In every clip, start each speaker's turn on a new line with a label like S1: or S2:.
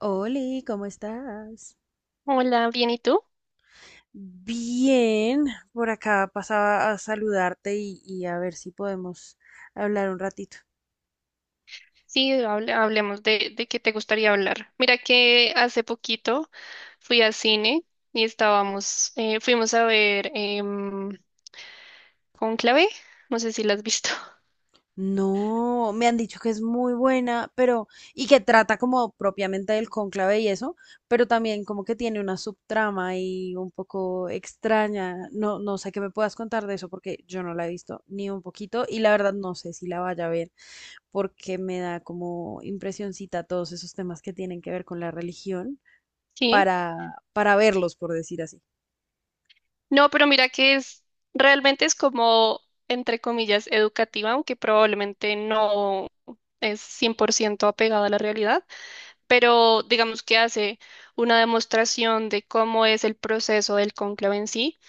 S1: Oli, ¿cómo estás?
S2: Hola, bien, ¿y tú?
S1: Bien, por acá pasaba a saludarte y a ver si podemos hablar un ratito.
S2: Sí, hablemos de qué te gustaría hablar. Mira que hace poquito fui al cine y fuimos a ver Cónclave, no sé si la has visto.
S1: No, me han dicho que es muy buena, pero y que trata como propiamente del cónclave y eso, pero también como que tiene una subtrama y un poco extraña. No, no sé qué me puedas contar de eso porque yo no la he visto ni un poquito y la verdad no sé si la vaya a ver porque me da como impresioncita todos esos temas que tienen que ver con la religión.
S2: Sí.
S1: Para verlos, por decir así.
S2: No, pero mira que realmente es como, entre comillas, educativa, aunque probablemente no es 100% apegada a la realidad, pero digamos que hace una demostración de cómo es el proceso del cónclave en sí,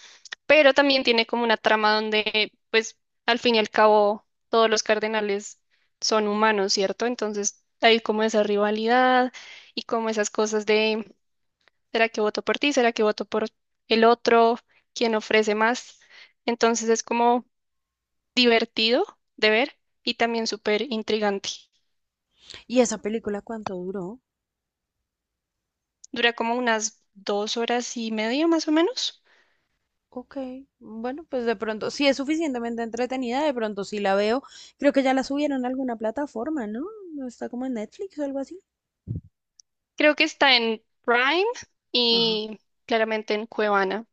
S2: pero también tiene como una trama donde, pues, al fin y al cabo, todos los cardenales son humanos, ¿cierto? Entonces hay como esa rivalidad y como esas cosas de, ¿será que voto por ti? ¿Será que voto por el otro? ¿Quién ofrece más? Entonces es como divertido de ver y también súper intrigante.
S1: ¿Y esa película cuánto duró?
S2: Dura como unas 2 horas y media más o menos.
S1: Ok, bueno, pues de pronto, si es suficientemente entretenida, de pronto sí la veo. Creo que ya la subieron a alguna plataforma, ¿no? ¿No está como en Netflix o algo así?
S2: Creo que está en Prime
S1: Ajá.
S2: y claramente en Cuevana.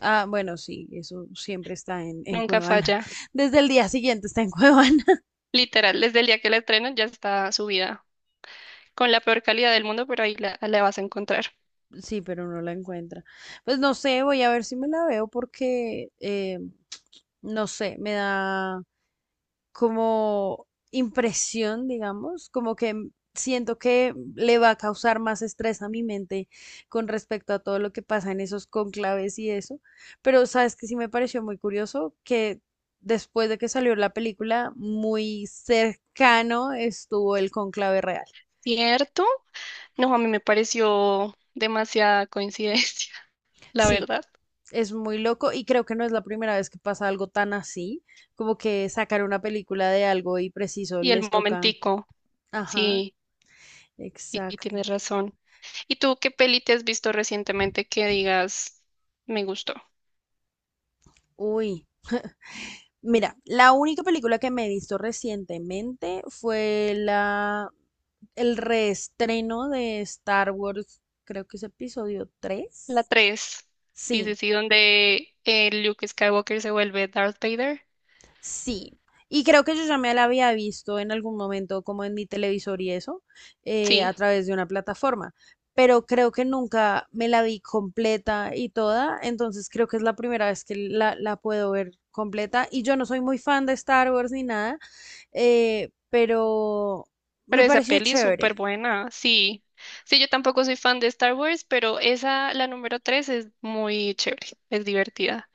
S1: Ah, bueno, sí, eso siempre está en
S2: Nunca
S1: Cuevana.
S2: falla.
S1: Desde el día siguiente está en Cuevana.
S2: Literal, desde el día que la estrenan ya está subida con la peor calidad del mundo, pero ahí la vas a encontrar.
S1: Sí, pero no la encuentra. Pues no sé, voy a ver si me la veo porque, no sé, me da, como impresión, digamos, como que siento que le va a causar más estrés a mi mente con respecto a todo lo que pasa en esos conclaves y eso. Pero sabes que sí me pareció muy curioso que después de que salió la película, muy cercano estuvo el conclave real.
S2: ¿Cierto? No, a mí me pareció demasiada coincidencia, la
S1: Sí.
S2: verdad.
S1: Es muy loco y creo que no es la primera vez que pasa algo tan así, como que sacar una película de algo y preciso
S2: Y el
S1: les toca.
S2: momentico,
S1: Ajá,
S2: sí, sí, sí,
S1: exacto.
S2: tienes razón. ¿Y tú qué peli te has visto recientemente que digas, me gustó?
S1: Uy, mira, la única película que me he visto recientemente fue el reestreno de Star Wars, creo que es episodio
S2: La
S1: tres.
S2: tres. Sí, sí,
S1: Sí.
S2: sí, donde Luke Skywalker se vuelve Darth Vader.
S1: Sí, y creo que yo ya me la había visto en algún momento como en mi televisor y eso,
S2: Sí.
S1: a través de una plataforma, pero creo que nunca me la vi completa y toda, entonces creo que es la primera vez que la puedo ver completa y yo no soy muy fan de Star Wars ni nada, pero
S2: Pero
S1: me
S2: esa
S1: pareció
S2: peli es
S1: chévere.
S2: súper buena, sí. Sí, yo tampoco soy fan de Star Wars, pero esa, la número 3 es muy chévere, es divertida.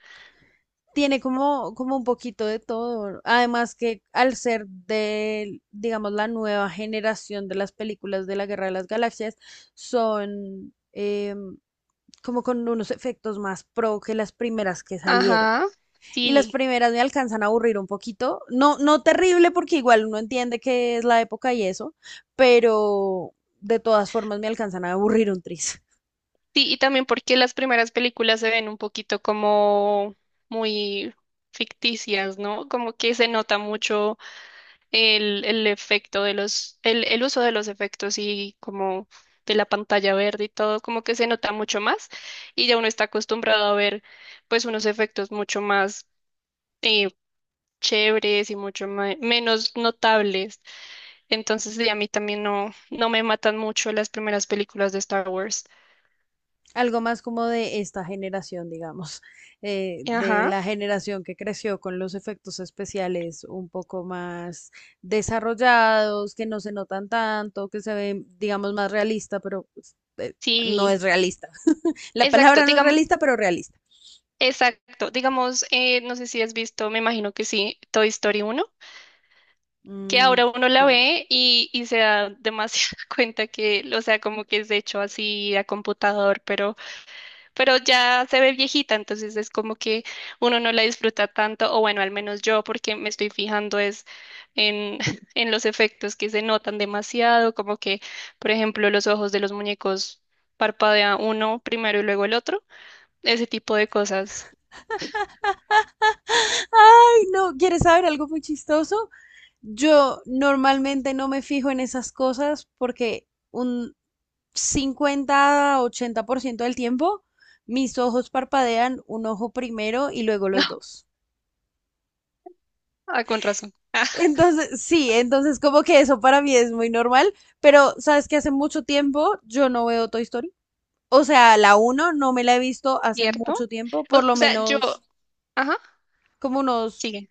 S1: Tiene como, como un poquito de todo, ¿no? Además que al ser de, digamos, la nueva generación de las películas de la Guerra de las Galaxias, son como con unos efectos más pro que las primeras que salieron.
S2: Ajá,
S1: Y las
S2: sí.
S1: primeras me alcanzan a aburrir un poquito. No, no terrible porque igual uno entiende que es la época y eso, pero de todas formas me alcanzan a aburrir un tris.
S2: Sí, y también porque las primeras películas se ven un poquito como muy ficticias, ¿no? Como que se nota mucho el efecto de el uso de los efectos y como de la pantalla verde y todo, como que se nota mucho más y ya uno está acostumbrado a ver pues unos efectos mucho más eh, chéveres y mucho menos notables. Entonces, sí, a mí también no me matan mucho las primeras películas de Star Wars.
S1: Algo más como de esta generación, digamos, de
S2: Ajá,
S1: la generación que creció con los efectos especiales un poco más desarrollados, que no se notan tanto, que se ven, digamos, más realista, pero pues, no
S2: sí,
S1: es realista. La
S2: exacto,
S1: palabra no es
S2: digamos,
S1: realista, pero realista.
S2: no sé si has visto, me imagino que sí, Toy Story uno, que
S1: Mm,
S2: ahora uno la
S1: sí.
S2: ve y se da demasiada cuenta que, o sea, como que es hecho así a computador, pero ya se ve viejita, entonces es como que uno no la disfruta tanto, o bueno, al menos yo, porque me estoy fijando es en, en los efectos que se notan demasiado, como que, por ejemplo, los ojos de los muñecos parpadea uno primero y luego el otro, ese tipo de cosas.
S1: Ay, no, ¿quieres saber algo muy chistoso? Yo normalmente no me fijo en esas cosas porque 50 a 80% del tiempo, mis ojos parpadean un ojo primero y luego
S2: No,
S1: los dos.
S2: ah, con razón.
S1: Entonces, sí, entonces como que eso para mí es muy normal, pero sabes que hace mucho tiempo yo no veo Toy Story. O sea, la uno no me la he visto hace mucho
S2: ¿Cierto?
S1: tiempo, por
S2: O
S1: lo
S2: sea, yo,
S1: menos
S2: ajá,
S1: como unos
S2: sigue.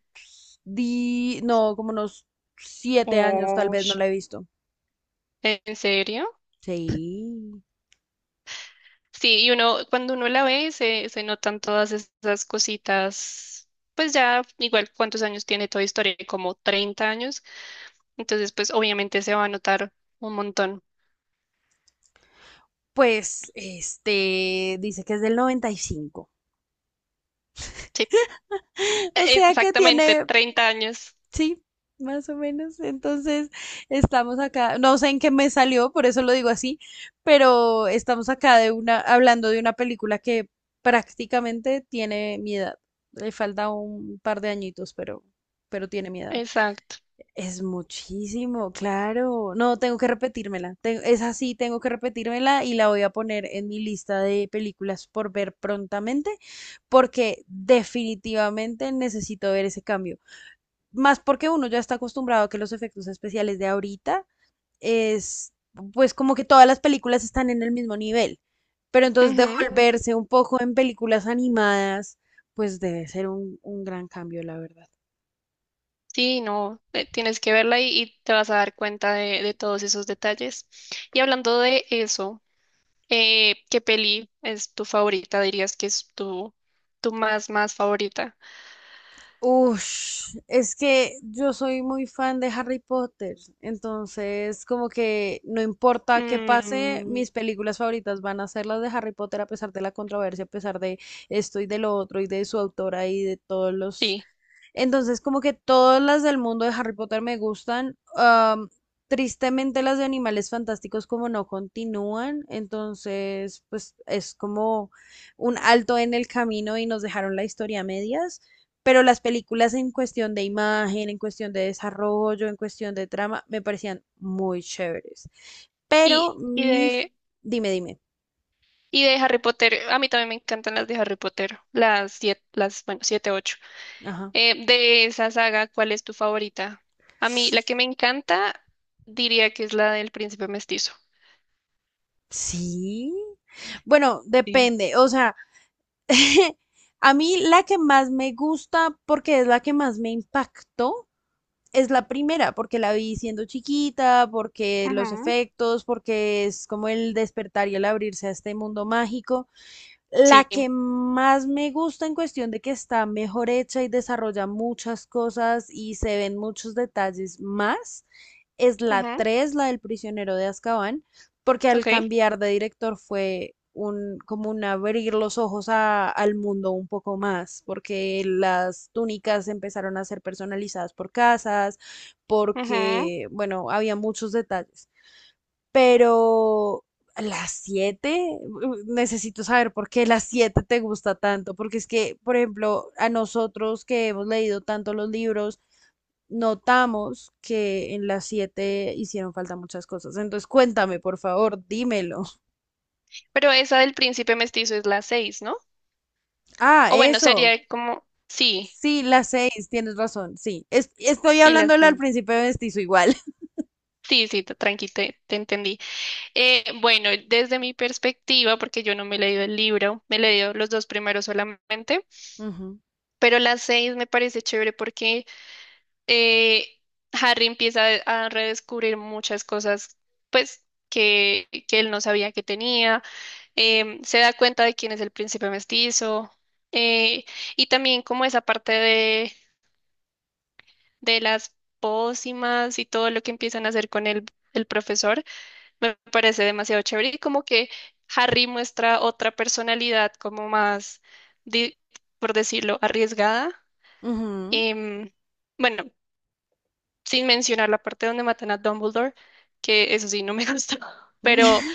S1: como unos 7 años tal
S2: Oh,
S1: vez no la he visto.
S2: ¿en serio?
S1: Sí.
S2: Sí, y uno, cuando uno la ve, se notan todas esas cositas. Pues ya, igual, ¿cuántos años tiene Toy Story? Como 30 años. Entonces, pues obviamente se va a notar un montón.
S1: Pues, dice que es del noventa y cinco.
S2: Sí,
S1: O sea que
S2: exactamente,
S1: tiene,
S2: 30 años.
S1: sí, más o menos. Entonces, estamos acá, no sé en qué me salió, por eso lo digo así, pero estamos acá de una, hablando de una película que prácticamente tiene mi edad. Le falta un par de añitos, pero tiene mi edad.
S2: Exacto.
S1: Es muchísimo, claro. No, tengo que repetírmela. Es así, tengo que repetírmela y la voy a poner en mi lista de películas por ver prontamente, porque definitivamente necesito ver ese cambio. Más porque uno ya está acostumbrado a que los efectos especiales de ahorita es, pues como que todas las películas están en el mismo nivel. Pero entonces
S2: Ujú.
S1: devolverse un poco en películas animadas, pues debe ser un gran cambio, la verdad.
S2: Sí, no, tienes que verla y te vas a dar cuenta de, todos esos detalles. Y hablando de eso, ¿qué peli es tu favorita? Dirías que es tu, más favorita.
S1: Ush, es que yo soy muy fan de Harry Potter, entonces como que no importa qué pase,
S2: Mm,
S1: mis películas favoritas van a ser las de Harry Potter a pesar de la controversia, a pesar de esto y de lo otro y de su autora y de todos los...
S2: sí.
S1: Entonces como que todas las del mundo de Harry Potter me gustan. Tristemente las de Animales Fantásticos como no continúan, entonces pues es como un alto en el camino y nos dejaron la historia a medias. Pero las películas en cuestión de imagen, en cuestión de desarrollo, en cuestión de trama, me parecían muy chéveres. Pero
S2: Y, y
S1: mi... f-
S2: de,
S1: Dime, dime.
S2: y de Harry Potter, a mí también me encantan las de Harry Potter, las siete, bueno, siete, ocho.
S1: Ajá.
S2: De esa saga, ¿cuál es tu favorita? A mí, la que me encanta, diría que es la del príncipe mestizo.
S1: Sí. Bueno,
S2: Sí.
S1: depende. O sea, a mí la que más me gusta, porque es la que más me impactó, es la primera, porque la vi siendo chiquita, porque los
S2: Ujú.
S1: efectos, porque es como el despertar y el abrirse a este mundo mágico. La
S2: Sí.
S1: que más me gusta en cuestión de que está mejor hecha y desarrolla muchas cosas y se ven muchos detalles más es la
S2: Ujú.
S1: 3, la del prisionero de Azkaban, porque al
S2: Ok.
S1: cambiar de director fue un, como un abrir los ojos al mundo un poco más, porque las túnicas empezaron a ser personalizadas por casas,
S2: Ujú.
S1: porque, bueno, había muchos detalles, pero a las siete, necesito saber por qué las siete te gusta tanto, porque es que, por ejemplo, a nosotros que hemos leído tanto los libros, notamos que en las siete hicieron falta muchas cosas. Entonces, cuéntame, por favor, dímelo.
S2: Pero esa del príncipe mestizo es la seis, ¿no?
S1: Ah,
S2: O bueno,
S1: eso.
S2: sería como, sí,
S1: Sí, las seis, tienes razón, sí. Estoy
S2: y la
S1: hablando al
S2: seis.
S1: principio de mestizo igual.
S2: Sí, sí, tranqui, te entendí. Bueno, desde mi perspectiva, porque yo no me he leído el libro, me he leído los dos primeros solamente,
S1: Ujú,
S2: pero las seis me parece chévere porque, eh, Harry empieza a redescubrir muchas cosas, pues, que él no sabía que tenía. Se da cuenta de quién es el príncipe mestizo, eh, y también como esa parte de, las pócimas y todo lo que empiezan a hacer con el profesor. Me parece demasiado chévere y como que Harry muestra otra personalidad como más, di- por decirlo, arriesgada.
S1: ujú.
S2: Em, bueno, sin mencionar la parte donde matan a Dumbledore, que eso sí no me gustó, pero,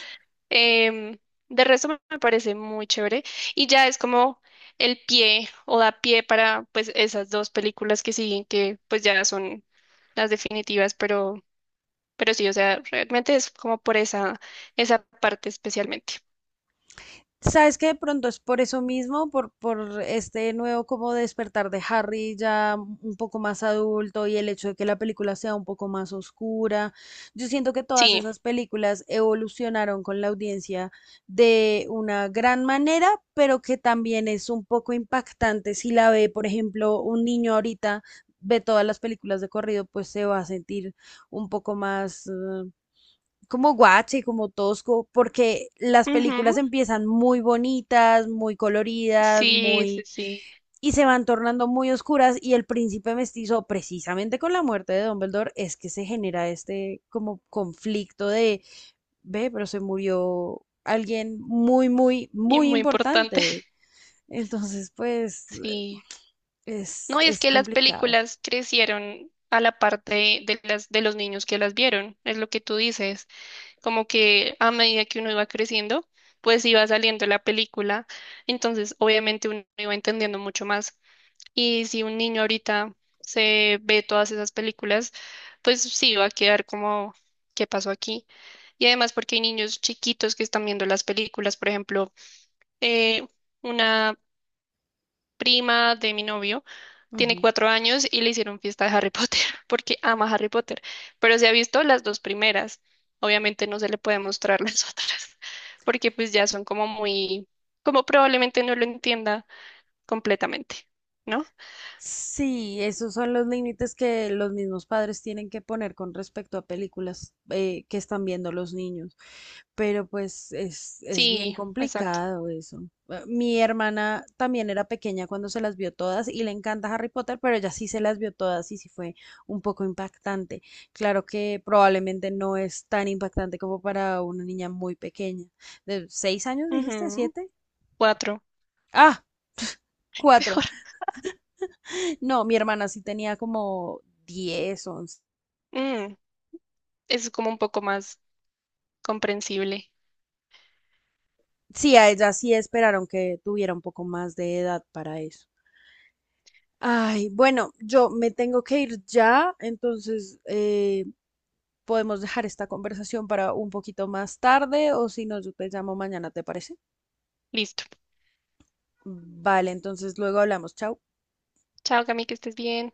S2: em, de resto me parece muy chévere y ya es como el pie o da pie para pues esas dos películas que siguen, que pues ya son las definitivas, pero sí, o sea, realmente es como por esa parte especialmente.
S1: Sabes que de pronto es por eso mismo, por este nuevo como despertar de Harry ya un poco más adulto y el hecho de que la película sea un poco más oscura. Yo siento que todas
S2: Sí,
S1: esas películas evolucionaron con la audiencia de una gran manera, pero que también es un poco impactante si la ve, por ejemplo, un niño ahorita. Ve todas las películas de corrido, pues se va a sentir un poco más, como guache, como tosco, porque las películas
S2: ujú.
S1: empiezan muy bonitas, muy coloridas,
S2: Sí, sí,
S1: muy,
S2: sí,
S1: y se van tornando muy oscuras y el príncipe mestizo precisamente con la muerte de Dumbledore es que se genera este como conflicto de ve, pero se murió alguien muy muy
S2: y
S1: muy
S2: muy importante,
S1: importante. Entonces, pues
S2: sí.
S1: es
S2: No, y es
S1: es
S2: que las
S1: complicado.
S2: películas crecieron a la parte de, de los niños que las vieron, es lo que tú dices, como que a medida que uno iba creciendo, pues iba saliendo la película, entonces obviamente uno iba entendiendo mucho más. Y si un niño ahorita se ve todas esas películas, pues sí, va a quedar como, ¿qué pasó aquí? Y además porque hay niños chiquitos que están viendo las películas, por ejemplo. eh, una prima de mi novio tiene
S1: Ujú.
S2: 4 años y le hicieron fiesta de Harry Potter porque ama Harry Potter, pero se ha visto las dos primeras. Obviamente no se le puede mostrar las otras, porque pues ya son como muy, como probablemente no lo entienda completamente, ¿no?
S1: Sí, esos son los límites que los mismos padres tienen que poner con respecto a películas que están viendo los niños, pero pues es bien
S2: Sí, exacto.
S1: complicado eso. Mi hermana también era pequeña cuando se las vio todas y le encanta Harry Potter, pero ella sí se las vio todas y sí fue un poco impactante. Claro que probablemente no es tan impactante como para una niña muy pequeña. ¿De 6 años dijiste?
S2: Ujú.
S1: ¿Siete?
S2: Cuatro,
S1: Ah, cuatro.
S2: mejor.
S1: No, mi hermana sí tenía como 10, 11.
S2: Mm, es como un poco más comprensible.
S1: Sí, a ella sí esperaron que tuviera un poco más de edad para eso. Ay, bueno, yo me tengo que ir ya, entonces podemos dejar esta conversación para un poquito más tarde o si no, yo te llamo mañana, ¿te parece?
S2: Listo.
S1: Vale, entonces luego hablamos. Chao.
S2: Chao, Cami, que estés bien.